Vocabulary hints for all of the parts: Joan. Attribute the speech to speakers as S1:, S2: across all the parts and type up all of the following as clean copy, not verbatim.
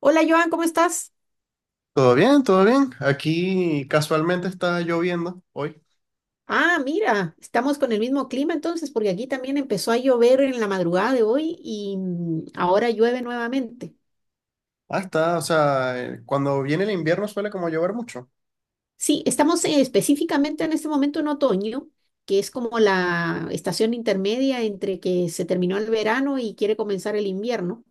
S1: Hola Joan, ¿cómo estás?
S2: Todo bien, todo bien. Aquí casualmente está lloviendo hoy.
S1: Ah, mira, estamos con el mismo clima entonces, porque aquí también empezó a llover en la madrugada de hoy y ahora llueve nuevamente.
S2: Ah, está, o sea, cuando viene el invierno suele como llover mucho.
S1: Sí, estamos específicamente en este momento en otoño, que es como la estación intermedia entre que se terminó el verano y quiere comenzar el invierno.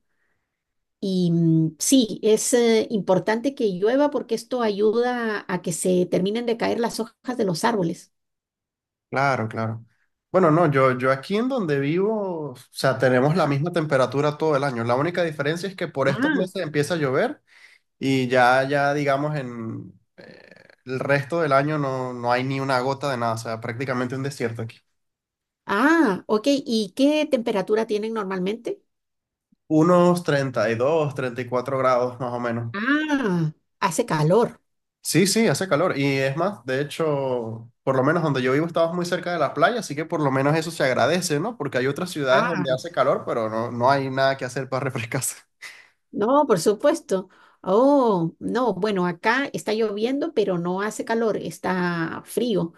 S1: Y sí, es importante que llueva porque esto ayuda a que se terminen de caer las hojas de los árboles.
S2: Claro, claro. Bueno, no, yo aquí en donde vivo, o sea, tenemos la
S1: Ajá.
S2: misma temperatura todo el año. La única diferencia es que por estos
S1: Ah,
S2: meses empieza a llover y ya, ya digamos, en el resto del año no, no hay ni una gota de nada, o sea, prácticamente un desierto aquí.
S1: ah, ok. ¿Y qué temperatura tienen normalmente?
S2: Unos treinta 32, 34 grados más o menos.
S1: Ah, hace calor.
S2: Sí, sí, hace calor. Y es más, de hecho, por lo menos donde yo vivo estabas muy cerca de la playa, así que por lo menos eso se agradece, ¿no? Porque hay otras ciudades
S1: Ah,
S2: donde hace calor, pero no, no hay nada que hacer para refrescarse.
S1: no, por supuesto. Oh, no, bueno, acá está lloviendo, pero no hace calor, está frío.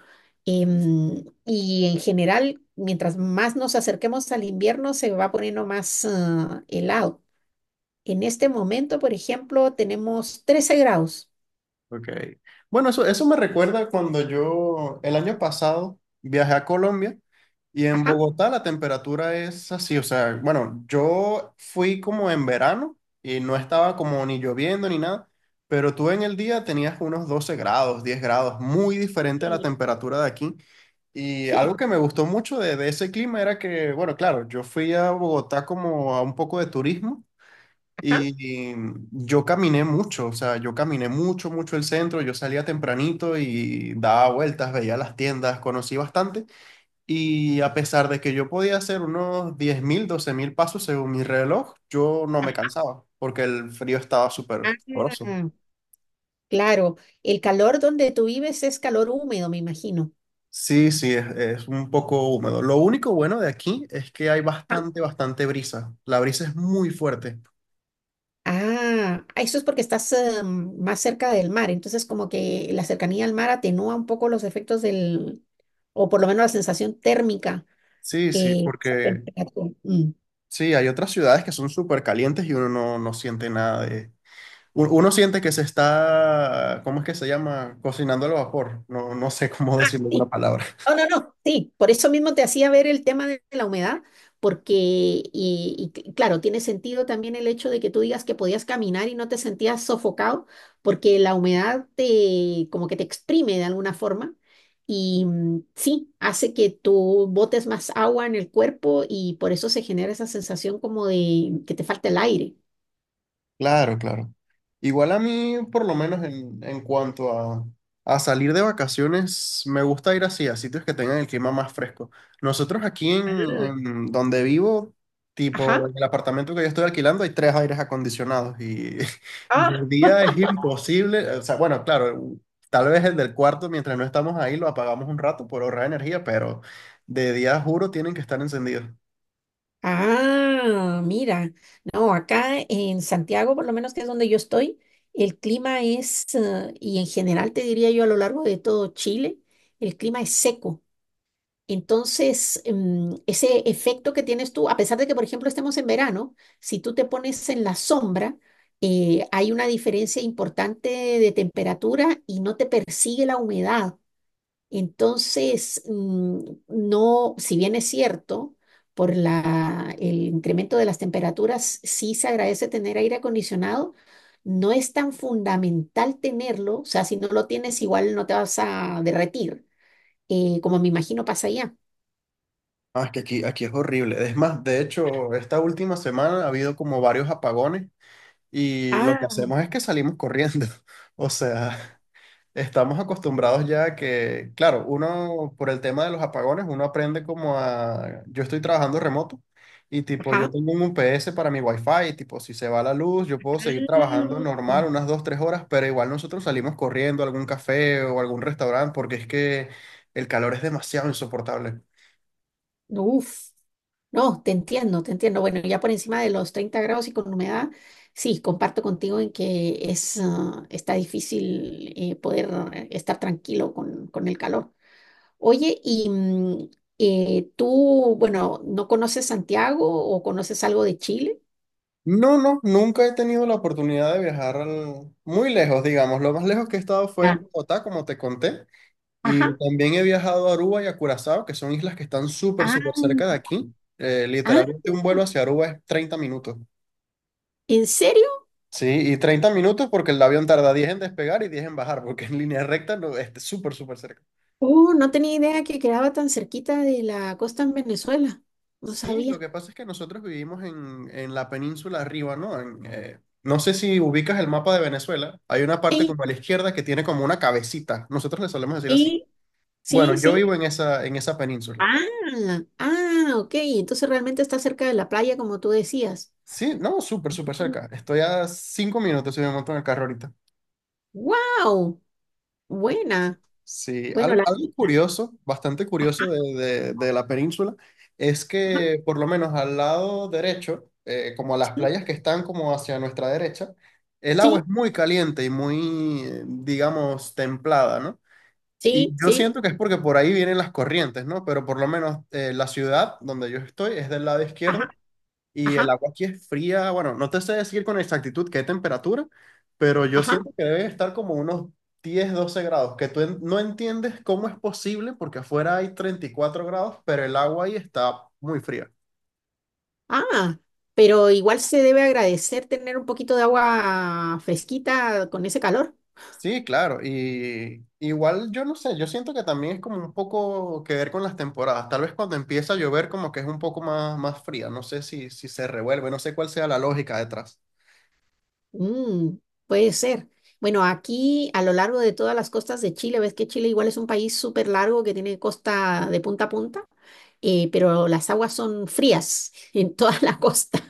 S1: Y en general, mientras más nos acerquemos al invierno, se va poniendo más ah, helado. En este momento, por ejemplo, tenemos 13 grados.
S2: Ok. Bueno, eso me recuerda cuando yo el año pasado viajé a Colombia y en
S1: Ajá.
S2: Bogotá la temperatura es así, o sea, bueno, yo fui como en verano y no estaba como ni lloviendo ni nada, pero tú en el día tenías unos 12 grados, 10 grados, muy diferente a la
S1: Sí.
S2: temperatura de aquí. Y algo
S1: Sí.
S2: que me gustó mucho de ese clima era que, bueno, claro, yo fui a Bogotá como a un poco de turismo.
S1: Ajá.
S2: Y yo caminé mucho, o sea, yo caminé mucho, mucho el centro, yo salía tempranito y daba vueltas, veía las tiendas, conocí bastante. Y a pesar de que yo podía hacer unos 10.000 12.000 pasos según mi reloj, yo no me cansaba porque el frío estaba súper sabroso.
S1: Ah, claro, el calor donde tú vives es calor húmedo, me imagino.
S2: Sí, sí, es un poco húmedo. Lo único bueno de aquí es que hay bastante, bastante brisa. La brisa es muy fuerte.
S1: Ah, ah, eso es porque estás más cerca del mar, entonces como que la cercanía al mar atenúa un poco los efectos del, o por lo menos la sensación térmica.
S2: Sí, sí,
S1: Eh, esa
S2: porque
S1: temperatura. Mm.
S2: sí, hay otras ciudades que son súper calientes y uno no, no siente nada de, uno siente que se está, ¿cómo es que se llama? Cocinando al vapor. No, no sé cómo decirlo en una
S1: Sí.
S2: palabra.
S1: No, no, no, sí, por eso mismo te hacía ver el tema de la humedad, porque, y, claro, tiene sentido también el hecho de que tú digas que podías caminar y no te sentías sofocado, porque la humedad te, como que te exprime de alguna forma, y sí, hace que tú botes más agua en el cuerpo y por eso se genera esa sensación como de que te falta el aire.
S2: Claro, claro. Igual a mí, por lo menos en cuanto a salir de vacaciones, me gusta ir así, a sitios que tengan el clima más fresco. Nosotros aquí en donde vivo, tipo
S1: Ajá.
S2: en el apartamento que yo estoy alquilando, hay tres aires acondicionados y de día es imposible. O sea, bueno, claro, tal vez el del cuarto, mientras no estamos ahí, lo apagamos un rato por ahorrar energía, pero de día, juro, tienen que estar encendidos.
S1: Ah, mira, no, acá en Santiago, por lo menos que es donde yo estoy, el clima es, y en general te diría yo a lo largo de todo Chile, el clima es seco. Entonces, ese efecto que tienes tú, a pesar de que, por ejemplo, estemos en verano, si tú te pones en la sombra, hay una diferencia importante de temperatura y no te persigue la humedad. Entonces, no, si bien es cierto, el incremento de las temperaturas sí se agradece tener aire acondicionado, no es tan fundamental tenerlo, o sea, si no lo tienes igual no te vas a derretir, como me imagino pasa allá.
S2: Ah, es que aquí, aquí es horrible. Es más, de hecho, esta última semana ha habido como varios apagones y lo que
S1: Ah,
S2: hacemos es que salimos corriendo. O sea, estamos acostumbrados ya a que, claro, uno por el tema de los apagones, uno aprende como a... Yo estoy trabajando remoto y tipo, yo
S1: ajá.
S2: tengo un UPS para mi Wi-Fi y tipo, si se va la luz, yo puedo seguir trabajando
S1: Ah,
S2: normal unas 2, 3 horas, pero igual nosotros salimos corriendo a algún café o algún restaurante porque es que el calor es demasiado insoportable.
S1: uf, no, te entiendo, te entiendo. Bueno, ya por encima de los 30 grados y con humedad, sí, comparto contigo en que es, ah, está difícil poder estar tranquilo con el calor. Oye, y tú, bueno, ¿no conoces Santiago o conoces algo de Chile?
S2: No, no, nunca he tenido la oportunidad de viajar muy lejos, digamos. Lo más lejos que he estado fue
S1: Ya.
S2: en Bogotá, como te conté, y
S1: Ajá.
S2: también he viajado a Aruba y a Curazao, que son islas que están súper,
S1: Ah,
S2: súper cerca de aquí.
S1: ah,
S2: Literalmente un vuelo hacia Aruba es 30 minutos.
S1: ¿en serio?
S2: Sí, y 30 minutos porque el avión tarda 10 en despegar y 10 en bajar, porque en línea recta no, es súper, súper cerca.
S1: Oh, no tenía idea que quedaba tan cerquita de la costa en Venezuela. No
S2: Sí, lo
S1: sabía.
S2: que pasa es que nosotros vivimos en la península arriba, ¿no? En, no sé si ubicas el mapa de Venezuela. Hay una parte
S1: Sí,
S2: como a la izquierda que tiene como una cabecita. Nosotros le solemos decir así.
S1: sí, sí,
S2: Bueno, yo
S1: sí.
S2: vivo en esa península.
S1: Ah, ah, ok. Entonces realmente está cerca de la playa, como tú decías.
S2: Sí, no, súper, súper cerca. Estoy a 5 minutos si me monto en el carro ahorita.
S1: ¡Wow! Buena.
S2: Sí,
S1: Bueno, la,
S2: algo
S1: la-
S2: curioso, bastante curioso
S1: ajá,
S2: de la península, es
S1: ajá,
S2: que por lo menos al lado derecho, como las
S1: sí,
S2: playas que están como hacia nuestra derecha, el agua es
S1: sí,
S2: muy caliente y muy, digamos, templada, ¿no? Y
S1: sí,
S2: yo
S1: sí,
S2: siento que es porque por ahí vienen las corrientes, ¿no? Pero por lo menos la ciudad donde yo estoy es del lado
S1: ajá,
S2: izquierdo y el
S1: ajá,
S2: agua aquí es fría, bueno, no te sé decir con exactitud qué temperatura, pero yo
S1: ajá.
S2: siento que debe estar como unos 10 12 grados, que tú en- no entiendes cómo es posible porque afuera hay 34 grados, pero el agua ahí está muy fría.
S1: Ah, pero igual se debe agradecer tener un poquito de agua fresquita con ese calor.
S2: Sí, claro, y igual yo no sé, yo siento que también es como un poco que ver con las temporadas, tal vez cuando empieza a llover como que es un poco más, más fría, no sé si se revuelve, no sé cuál sea la lógica detrás.
S1: Mm, puede ser. Bueno, aquí a lo largo de todas las costas de Chile, ves que Chile igual es un país súper largo que tiene costa de punta a punta. Eh, pero las aguas son frías en toda la costa,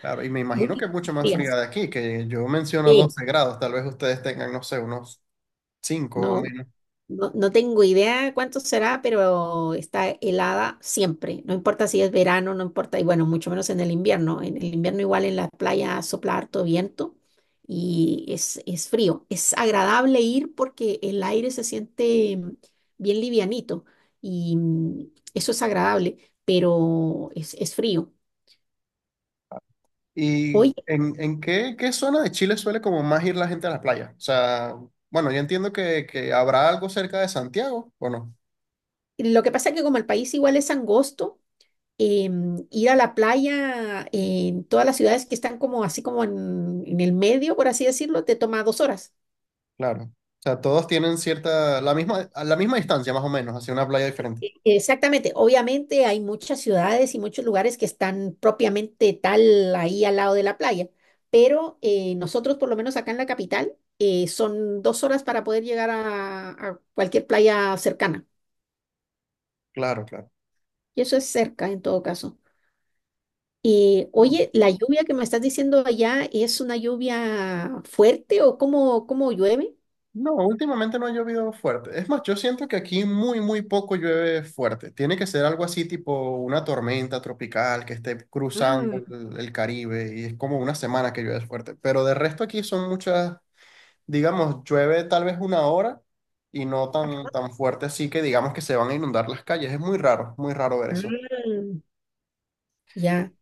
S2: Claro, y me imagino que
S1: muy
S2: es mucho más fría
S1: frías.
S2: de aquí, que yo menciono
S1: Sí,
S2: 12 grados, tal vez ustedes tengan, no sé, unos 5 o
S1: no,
S2: menos.
S1: no, no tengo idea cuánto será, pero está helada siempre, no importa si es verano, no importa, y bueno, mucho menos en el invierno. En el invierno igual en la playa sopla harto viento y es frío. Es agradable ir porque el aire se siente bien livianito y eso es agradable, pero es frío.
S2: ¿Y
S1: Hoy
S2: en qué, qué zona de Chile suele como más ir la gente a la playa? O sea, bueno, yo entiendo que habrá algo cerca de Santiago, ¿o no?
S1: lo que pasa es que como el país igual es angosto, ir a la playa en todas las ciudades que están como así como en el medio, por así decirlo, te toma 2 horas.
S2: Claro. O sea, todos tienen cierta, la misma, a la misma distancia más o menos, hacia una playa diferente.
S1: Exactamente, obviamente hay muchas ciudades y muchos lugares que están propiamente tal ahí al lado de la playa, pero nosotros por lo menos acá en la capital son 2 horas para poder llegar a cualquier playa cercana.
S2: Claro,
S1: Y eso es cerca en todo caso. Y
S2: claro.
S1: oye, la lluvia que me estás diciendo allá, ¿es una lluvia fuerte o cómo, cómo llueve?
S2: No, últimamente no ha llovido fuerte. Es más, yo siento que aquí muy, muy poco llueve fuerte. Tiene que ser algo así tipo una tormenta tropical que esté cruzando
S1: Ah,
S2: el Caribe y es como una semana que llueve fuerte. Pero de resto aquí son muchas, digamos, llueve tal vez una hora y no tan, tan fuerte así que digamos que se van a inundar las calles. Es muy raro ver eso.
S1: ah, ya,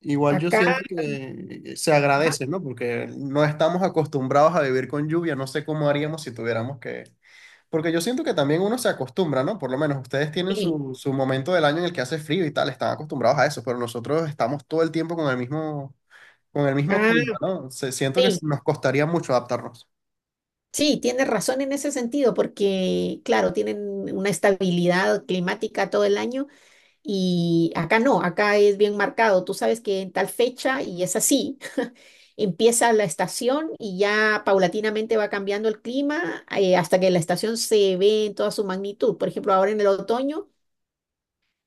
S2: Igual yo
S1: acá,
S2: siento que se
S1: ajá.
S2: agradece, ¿no? Porque no estamos acostumbrados a vivir con lluvia. No sé cómo haríamos si tuviéramos que. Porque yo siento que también uno se acostumbra, ¿no? Por lo menos ustedes tienen
S1: Sí.
S2: su momento del año en el que hace frío y tal, están acostumbrados a eso, pero nosotros estamos todo el tiempo con el mismo
S1: Ah,
S2: clima, ¿no? Siento que
S1: sí.
S2: nos costaría mucho adaptarnos.
S1: Sí, tienes razón en ese sentido, porque claro, tienen una estabilidad climática todo el año y acá no, acá es bien marcado. Tú sabes que en tal fecha y es así, empieza la estación y ya paulatinamente va cambiando el clima hasta que la estación se ve en toda su magnitud. Por ejemplo, ahora en el otoño,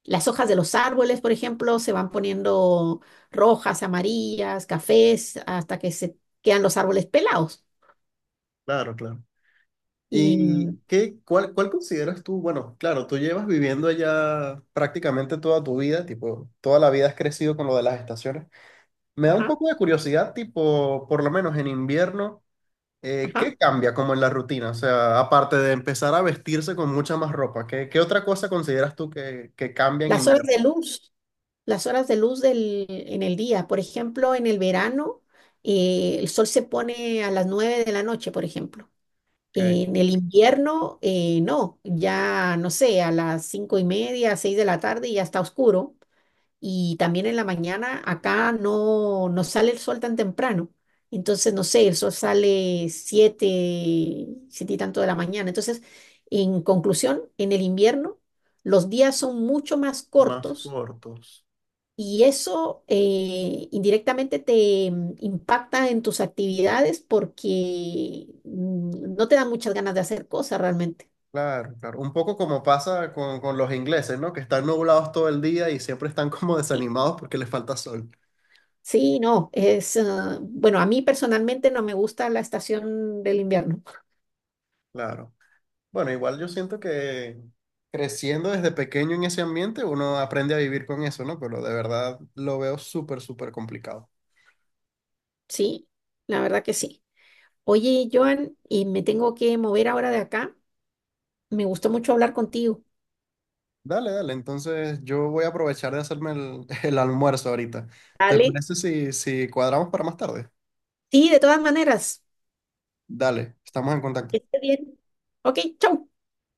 S1: las hojas de los árboles, por ejemplo, se van poniendo rojas, amarillas, cafés, hasta que se quedan los árboles pelados.
S2: Claro, claro.
S1: Y
S2: ¿Y qué, cuál consideras tú? Bueno, claro, tú llevas viviendo allá prácticamente toda tu vida, tipo, toda la vida has crecido con lo de las estaciones. Me da un
S1: ajá,
S2: poco de curiosidad, tipo, por lo menos en invierno.
S1: ajá.
S2: ¿Qué cambia como en la rutina? O sea, aparte de empezar a vestirse con mucha más ropa, ¿qué, otra cosa consideras tú que cambia en
S1: Las horas
S2: invierno?
S1: de luz, las horas de luz en el día. Por ejemplo, en el verano, el sol se pone a las 9 de la noche, por ejemplo.
S2: Que
S1: En el invierno, no, ya no sé, a las 5:30, 6 de la tarde ya está oscuro y también en la mañana acá no, no sale el sol tan temprano. Entonces, no sé, el sol sale 7, 7 y tanto de la mañana. Entonces, en conclusión, en el invierno los días son mucho más
S2: más
S1: cortos
S2: cortos.
S1: y eso indirectamente te impacta en tus actividades porque no te dan muchas ganas de hacer cosas realmente.
S2: Claro, claro. Un poco como pasa con los ingleses, ¿no? Que están nublados todo el día y siempre están como desanimados porque les falta sol.
S1: Sí, no, es, ah, bueno, a mí personalmente no me gusta la estación del invierno.
S2: Claro. Bueno, igual yo siento que creciendo desde pequeño en ese ambiente, uno aprende a vivir con eso, ¿no? Pero de verdad lo veo súper, súper complicado.
S1: Sí, la verdad que sí. Oye, Joan, y me tengo que mover ahora de acá. Me gustó mucho hablar contigo.
S2: Dale, dale. Entonces yo voy a aprovechar de hacerme el, el almuerzo ahorita. ¿Te
S1: Dale,
S2: parece si cuadramos para más tarde?
S1: sí, de todas maneras,
S2: Dale, estamos en contacto.
S1: que esté bien. Ok, chau.